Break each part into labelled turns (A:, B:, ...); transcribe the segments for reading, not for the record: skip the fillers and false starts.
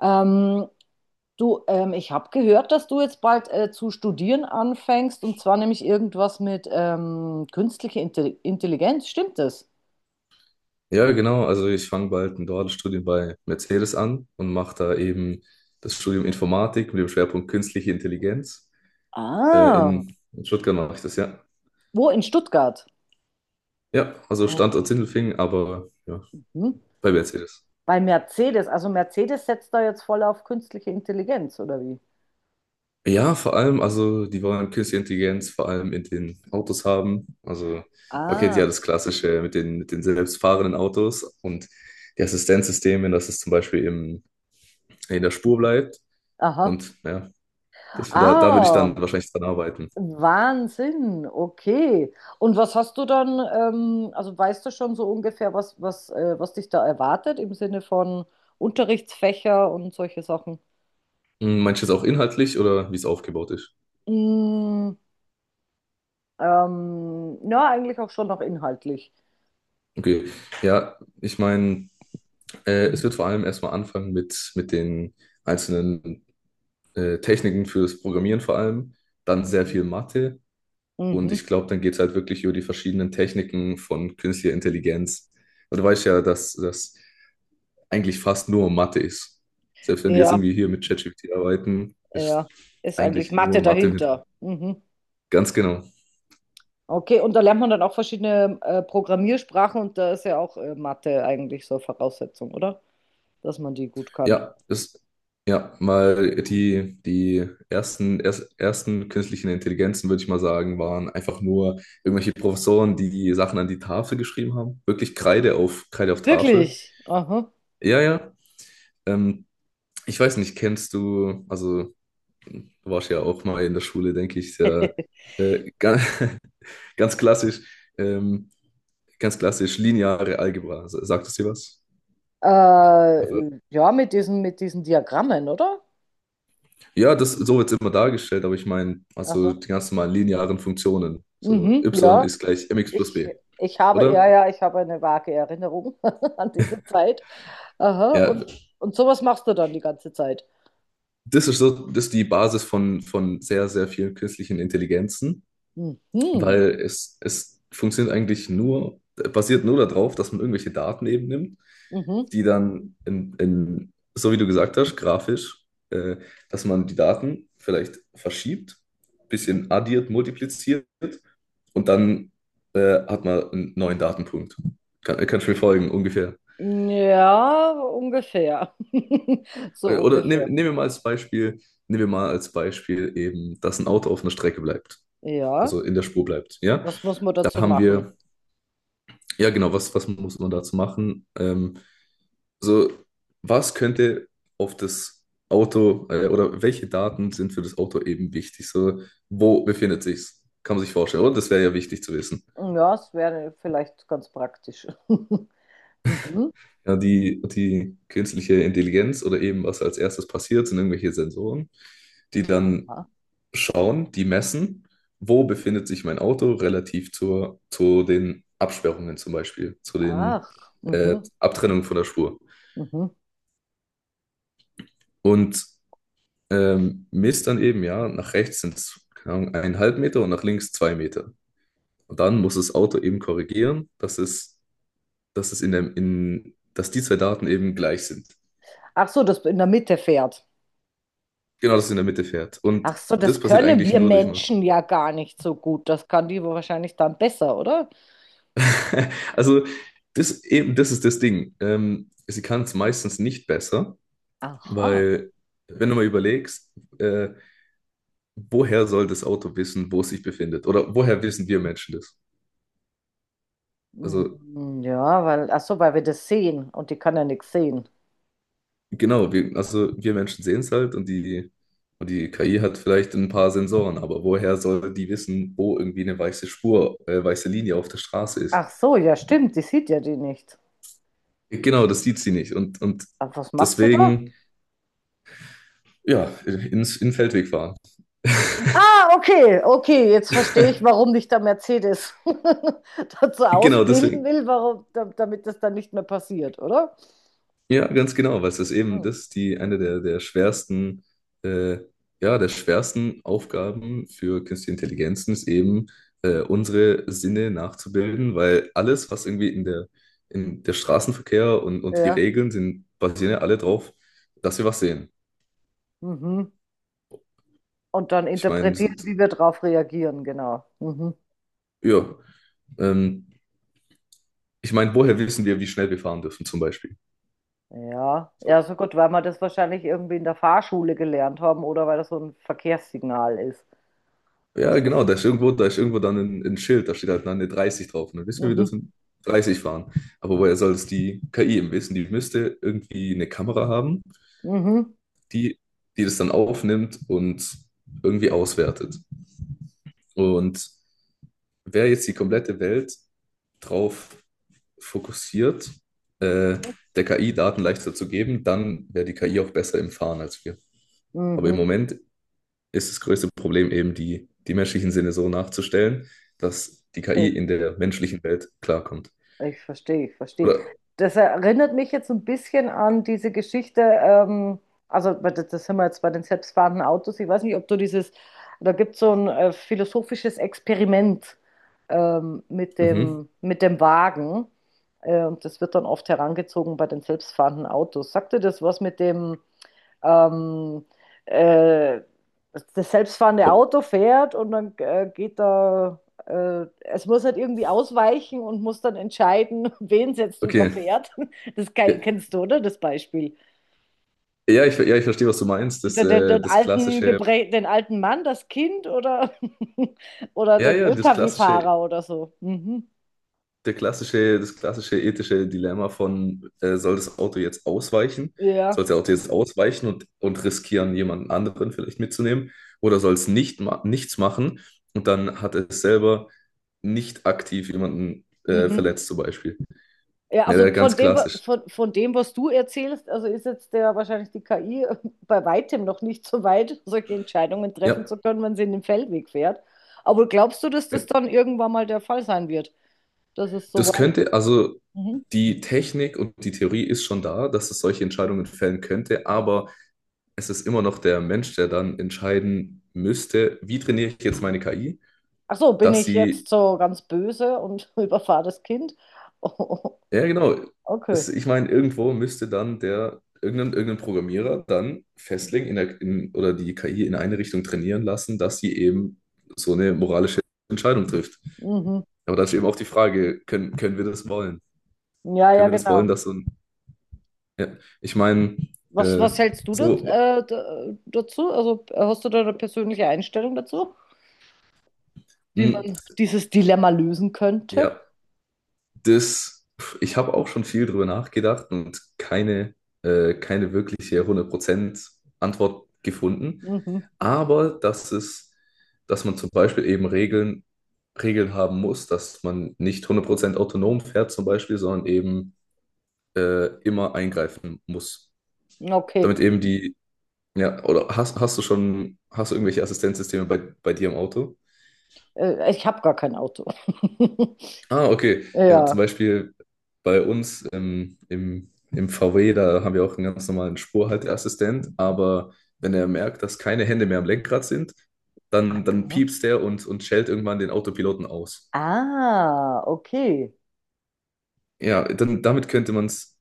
A: Ähm, du, ich habe gehört, dass du jetzt bald zu studieren anfängst und zwar nämlich irgendwas mit künstlicher Intelligenz. Stimmt das?
B: Ja, genau. Also ich fange bald ein duales Studium bei Mercedes an und mache da eben das Studium Informatik mit dem Schwerpunkt Künstliche Intelligenz. Äh,
A: Ah,
B: in, in Stuttgart mache ich das, ja.
A: wo? In Stuttgart.
B: Ja, also Standort
A: Okay.
B: Sindelfingen, aber ja,
A: Hm?
B: bei Mercedes.
A: Bei Mercedes. Also Mercedes setzt da jetzt voll auf künstliche Intelligenz, oder wie?
B: Ja, vor allem, also die wollen Künstliche Intelligenz vor allem in den Autos haben. Also man kennt ja
A: Ah,
B: das Klassische mit den selbstfahrenden Autos und die Assistenzsysteme, dass es zum Beispiel in der Spur bleibt.
A: aha.
B: Und ja, da würde ich dann
A: Ah,
B: wahrscheinlich dran arbeiten.
A: Wahnsinn, okay. Und was hast du dann, also weißt du schon so ungefähr, was dich da erwartet im Sinne von Unterrichtsfächer und solche Sachen?
B: Hm, meinst du jetzt auch inhaltlich oder wie es aufgebaut ist?
A: Mm, ja, eigentlich auch schon noch inhaltlich.
B: Okay, ja, ich meine, es wird vor allem erstmal anfangen mit den einzelnen Techniken fürs Programmieren vor allem, dann sehr
A: Mhm.
B: viel Mathe und
A: Mhm.
B: ich glaube, dann geht es halt wirklich über die verschiedenen Techniken von künstlicher Intelligenz. Und du weißt ja, dass das eigentlich fast nur Mathe ist. Selbst wenn wir jetzt
A: Ja,
B: irgendwie hier mit ChatGPT arbeiten, ist
A: ja. Ist eigentlich
B: eigentlich
A: Mathe
B: nur Mathe mit.
A: dahinter. Mhm.
B: Ganz genau.
A: Okay, und da lernt man dann auch verschiedene Programmiersprachen und da ist ja auch Mathe eigentlich so Voraussetzung, oder? Dass man die gut kann.
B: Ja, ja, mal die ersten künstlichen Intelligenzen, würde ich mal sagen, waren einfach nur irgendwelche Professoren, die die Sachen an die Tafel geschrieben haben. Wirklich Kreide auf Tafel.
A: Wirklich? Aha.
B: Ja, ja. Ähm, Ich weiß nicht, kennst du, also du warst ja auch mal in der Schule, denke ich, sehr, ganz, ganz klassisch, ähm, ganz klassisch lineare Algebra. Sagt es dir was?
A: Ja, mit mit diesen Diagrammen, oder?
B: Ja, das so wird es immer dargestellt, aber ich meine, also
A: Aha.
B: die ganz normalen linearen Funktionen. So
A: Mhm,
B: y
A: ja.
B: ist gleich mx plus
A: Ich,
B: b,
A: ich habe,
B: oder?
A: ich habe eine vage Erinnerung an diese Zeit. Aha.
B: Ja,
A: Und sowas machst du dann die ganze Zeit.
B: das ist so, das ist die Basis von sehr, sehr vielen künstlichen Intelligenzen.
A: Mhm.
B: Weil es funktioniert eigentlich nur, basiert nur darauf, dass man irgendwelche Daten eben nimmt,
A: Mhm.
B: die dann so wie du gesagt hast, grafisch, äh, dass man die Daten vielleicht verschiebt, bisschen
A: Mhm.
B: addiert, multipliziert und dann hat man einen neuen Datenpunkt. Kannst du mir folgen, ungefähr?
A: Ja, ungefähr. So
B: Äh, Oder nehm,
A: ungefähr.
B: nehmen wir mal als Beispiel, nehmen wir mal als Beispiel eben, dass ein Auto auf einer Strecke bleibt,
A: Ja.
B: also in der Spur bleibt. Ja,
A: Was muss man
B: da
A: dazu
B: haben
A: machen?
B: wir. Ja, genau, was muss man dazu machen? Also, was könnte auf das Auto oder welche Daten sind für das Auto eben wichtig? So, wo befindet sich's? Kann man sich vorstellen, oder? Das wäre ja wichtig zu wissen.
A: Ja, es wäre vielleicht ganz praktisch. Mhm.
B: Ja, die künstliche Intelligenz oder eben was als erstes passiert, sind irgendwelche Sensoren, die dann
A: Aha.
B: schauen, die messen, wo befindet sich mein Auto relativ zu den Absperrungen zum Beispiel, zu den
A: Ach. Mhm.
B: Abtrennungen von der Spur.
A: Mhm.
B: Und misst dann eben, ja, nach rechts sind es eineinhalb Meter und nach links zwei Meter. Und dann muss das Auto eben korrigieren, dass es in der, in, dass die zwei Daten eben gleich sind.
A: Ach so, das in der Mitte fährt.
B: Genau, dass es in der Mitte fährt. Und
A: Ach so,
B: das
A: das
B: passiert
A: können
B: eigentlich
A: wir
B: nur durch Mathe.
A: Menschen ja gar nicht so gut. Das kann die wahrscheinlich dann besser, oder?
B: Also, das ist das Ding. Sie kann es meistens nicht besser,
A: Aha.
B: weil, wenn du mal überlegst, äh, woher soll das Auto wissen, wo es sich befindet? Oder woher wissen wir Menschen das? Also,
A: Mm, ja, weil, ach so, weil wir das sehen und die kann ja nichts sehen.
B: genau, also wir Menschen sehen es halt und die KI hat vielleicht ein paar Sensoren, aber woher soll die wissen, wo irgendwie weiße Linie auf der Straße ist?
A: Ach so, ja, stimmt, die sieht ja die nicht.
B: Genau, das sieht sie nicht und
A: Aber was macht sie da?
B: deswegen, ja, in den Feldweg fahren.
A: Ah, okay, okay, jetzt verstehe ich, warum nicht der Mercedes dazu
B: Genau,
A: ausbilden
B: deswegen.
A: will, warum, damit das dann nicht mehr passiert, oder?
B: Ja, ganz genau, weil es ist eben
A: Hm.
B: das die eine
A: Mhm.
B: der äh, schwersten Aufgaben für künstliche Intelligenzen ist eben, unsere Sinne nachzubilden, weil alles, was irgendwie in der Straßenverkehr und die
A: Ja,
B: Regeln sind, basieren ja alle drauf, dass wir was sehen.
A: mhm. Und dann
B: Ich meine, s-
A: interpretieren,
B: s-
A: wie wir drauf reagieren, genau. Mhm.
B: ja, ähm, ich meine, woher wissen wir, wie schnell wir fahren dürfen, zum Beispiel?
A: Ja,
B: So,
A: ja, so gut, weil wir das wahrscheinlich irgendwie in der Fahrschule gelernt haben oder weil das so ein Verkehrssignal ist,
B: ja,
A: dass das.
B: genau, da ist irgendwo, dann ein Schild, da steht halt dann eine 30 drauf. Und dann wissen wir, wir
A: Mhm,
B: dürfen 30 fahren. Aber woher soll es die KI eben wissen? Die müsste irgendwie eine Kamera haben,
A: mhm,
B: die, die das dann aufnimmt und irgendwie auswertet. Und wäre jetzt die komplette Welt drauf fokussiert, äh, der KI Daten leichter zu geben, dann wäre die KI auch besser im Fahren als wir. Aber im
A: mhm.
B: Moment ist das größte Problem eben, die menschlichen Sinne so nachzustellen, dass die KI
A: Ich,
B: in der menschlichen Welt klarkommt.
A: ich verstehe, ich verstehe.
B: Oder,
A: Das erinnert mich jetzt ein bisschen an diese Geschichte, also das sind wir jetzt bei den selbstfahrenden Autos. Ich weiß nicht, ob du dieses, da gibt es so ein philosophisches Experiment mit
B: mhm,
A: mit dem Wagen. Und das wird dann oft herangezogen bei den selbstfahrenden Autos. Sagt dir das was mit dem, ähm, äh, das selbstfahrende
B: oh,
A: Auto fährt und dann geht da, es muss halt irgendwie ausweichen und muss dann entscheiden, wen es jetzt
B: okay.
A: überfährt. Das
B: Ja,
A: kennst du, oder? Das Beispiel.
B: ja, ich verstehe, was du meinst. Das,
A: Den, den,
B: äh,
A: den
B: das
A: alten,
B: klassische,
A: Geprä den alten Mann, das Kind oder, oder
B: ja,
A: den
B: ja, das klassische,
A: LKW-Fahrer oder so. Mhm.
B: der klassische, das klassische ethische Dilemma von, soll das Auto jetzt ausweichen?
A: Ja.
B: Soll das Auto jetzt ausweichen und riskieren, jemanden anderen vielleicht mitzunehmen? Oder soll es nicht ma nichts machen und dann hat es selber nicht aktiv jemanden
A: Mhm.
B: verletzt, zum Beispiel?
A: Ja,
B: Ja,
A: also
B: der
A: von
B: ganz klassisch.
A: von dem, was du erzählst, also ist jetzt der wahrscheinlich die KI bei weitem noch nicht so weit, solche Entscheidungen treffen
B: Ja.
A: zu können, wenn sie in den Feldweg fährt. Aber glaubst du, dass das
B: Ja.
A: dann irgendwann mal der Fall sein wird? Das ist so
B: Das
A: weit.
B: könnte, also
A: Mhm.
B: die Technik und die Theorie ist schon da, dass es solche Entscheidungen fällen könnte, aber es ist immer noch der Mensch, der dann entscheiden müsste, wie trainiere ich jetzt meine KI,
A: Ach so, bin
B: dass
A: ich
B: sie,
A: jetzt so ganz böse und überfahre das Kind? Oh,
B: ja genau,
A: okay.
B: es, ich meine, irgendwo müsste dann irgendein Programmierer dann Fastlink oder die KI in eine Richtung trainieren lassen, dass sie eben so eine moralische Entscheidung trifft.
A: Mhm.
B: Aber dann ist eben auch die Frage, können wir das wollen?
A: Ja, ja,
B: Können wir das
A: genau.
B: wollen, dass so ein. Ja, ich meine,
A: Was,
B: äh,
A: was hältst du dat,
B: so,
A: äh, da, dazu? Also hast du da eine persönliche Einstellung dazu, wie
B: mh,
A: man dieses Dilemma lösen könnte?
B: ja, ich habe auch schon viel drüber nachgedacht und keine wirkliche 100% Antwort gefunden.
A: Mhm.
B: Aber dass man zum Beispiel eben Regeln haben muss, dass man nicht 100% autonom fährt zum Beispiel, sondern eben immer eingreifen muss.
A: Okay,
B: Damit eben die, ja, oder hast du irgendwelche Assistenzsysteme bei dir im Auto?
A: ich habe gar kein Auto.
B: Ah, okay. Ja, zum
A: Ja.
B: Beispiel bei uns im VW, da haben wir auch einen ganz normalen Spurhalteassistent, aber wenn er merkt, dass keine Hände mehr am Lenkrad sind, dann
A: Aha.
B: piepst der und schellt irgendwann den Autopiloten aus.
A: Ah, okay.
B: Ja, dann damit könnte man es,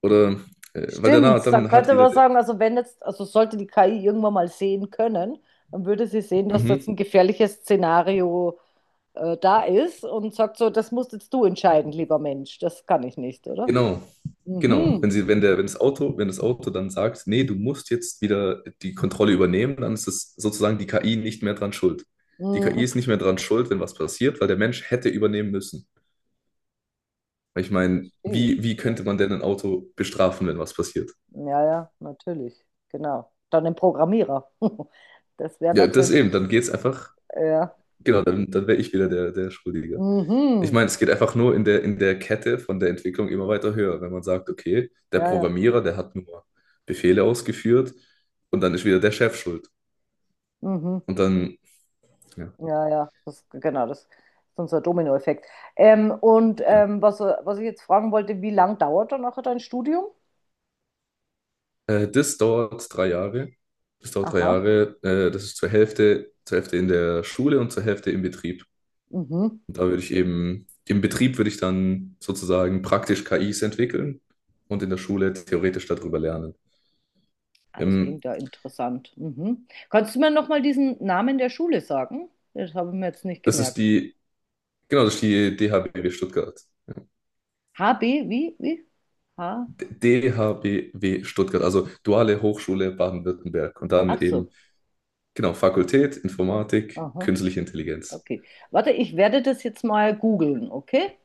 B: oder, weil danach,
A: Stimmt, dann
B: dann hat
A: könnte
B: wieder
A: man
B: der,
A: sagen, also wenn jetzt, also sollte die KI irgendwann mal sehen können, dann würde sie sehen, dass das
B: mhm,
A: ein gefährliches Szenario da ist und sagt so, das musst jetzt du entscheiden, lieber Mensch, das kann ich nicht, oder?
B: genau, genau.
A: Mhm.
B: Wenn sie, wenn der, wenn das Auto, wenn das Auto dann sagt, nee, du musst jetzt wieder die Kontrolle übernehmen, dann ist es sozusagen die KI nicht mehr dran schuld. Die KI
A: Mhm.
B: ist nicht mehr dran schuld, wenn was passiert, weil der Mensch hätte übernehmen müssen. Weil ich meine,
A: Verstehe.
B: wie
A: Ja.
B: könnte man denn ein Auto bestrafen, wenn was passiert?
A: Ja, ja, natürlich. Genau. Dann ein Programmierer. Das wäre
B: Ja,
A: natürlich,
B: dann geht's einfach,
A: ja.
B: genau, dann wäre ich wieder der Schuldige. Ich
A: Mhm.
B: meine, es geht einfach nur in der Kette von der Entwicklung immer weiter höher, wenn man sagt, okay, der
A: Ja, ja.
B: Programmierer, der hat nur Befehle ausgeführt und dann ist wieder der Chef schuld.
A: Mhm.
B: Und dann, ja,
A: Ja, ja. Das, genau, das ist unser Dominoeffekt.
B: genau.
A: Was ich jetzt fragen wollte, wie lang dauert dann nachher dein Studium?
B: Das dauert drei Jahre. Das dauert drei
A: Aha.
B: Jahre. Das ist zur Hälfte in der Schule und zur Hälfte im Betrieb.
A: Mhm.
B: Und da würde ich eben, im Betrieb würde ich dann sozusagen praktisch KIs entwickeln und in der Schule theoretisch darüber lernen.
A: Ah, das
B: Ähm,
A: klingt ja interessant. Mhm. Kannst du mir nochmal diesen Namen der Schule sagen? Das habe ich mir jetzt nicht
B: das ist
A: gemerkt.
B: die, genau, das ist die DHBW Stuttgart.
A: HB, wie? Wie? H?
B: DHBW Stuttgart, also Duale Hochschule Baden-Württemberg. Und dann
A: Ach
B: eben,
A: so.
B: genau, Fakultät, Informatik,
A: Aha.
B: Künstliche Intelligenz.
A: Okay. Warte, ich werde das jetzt mal googeln, okay?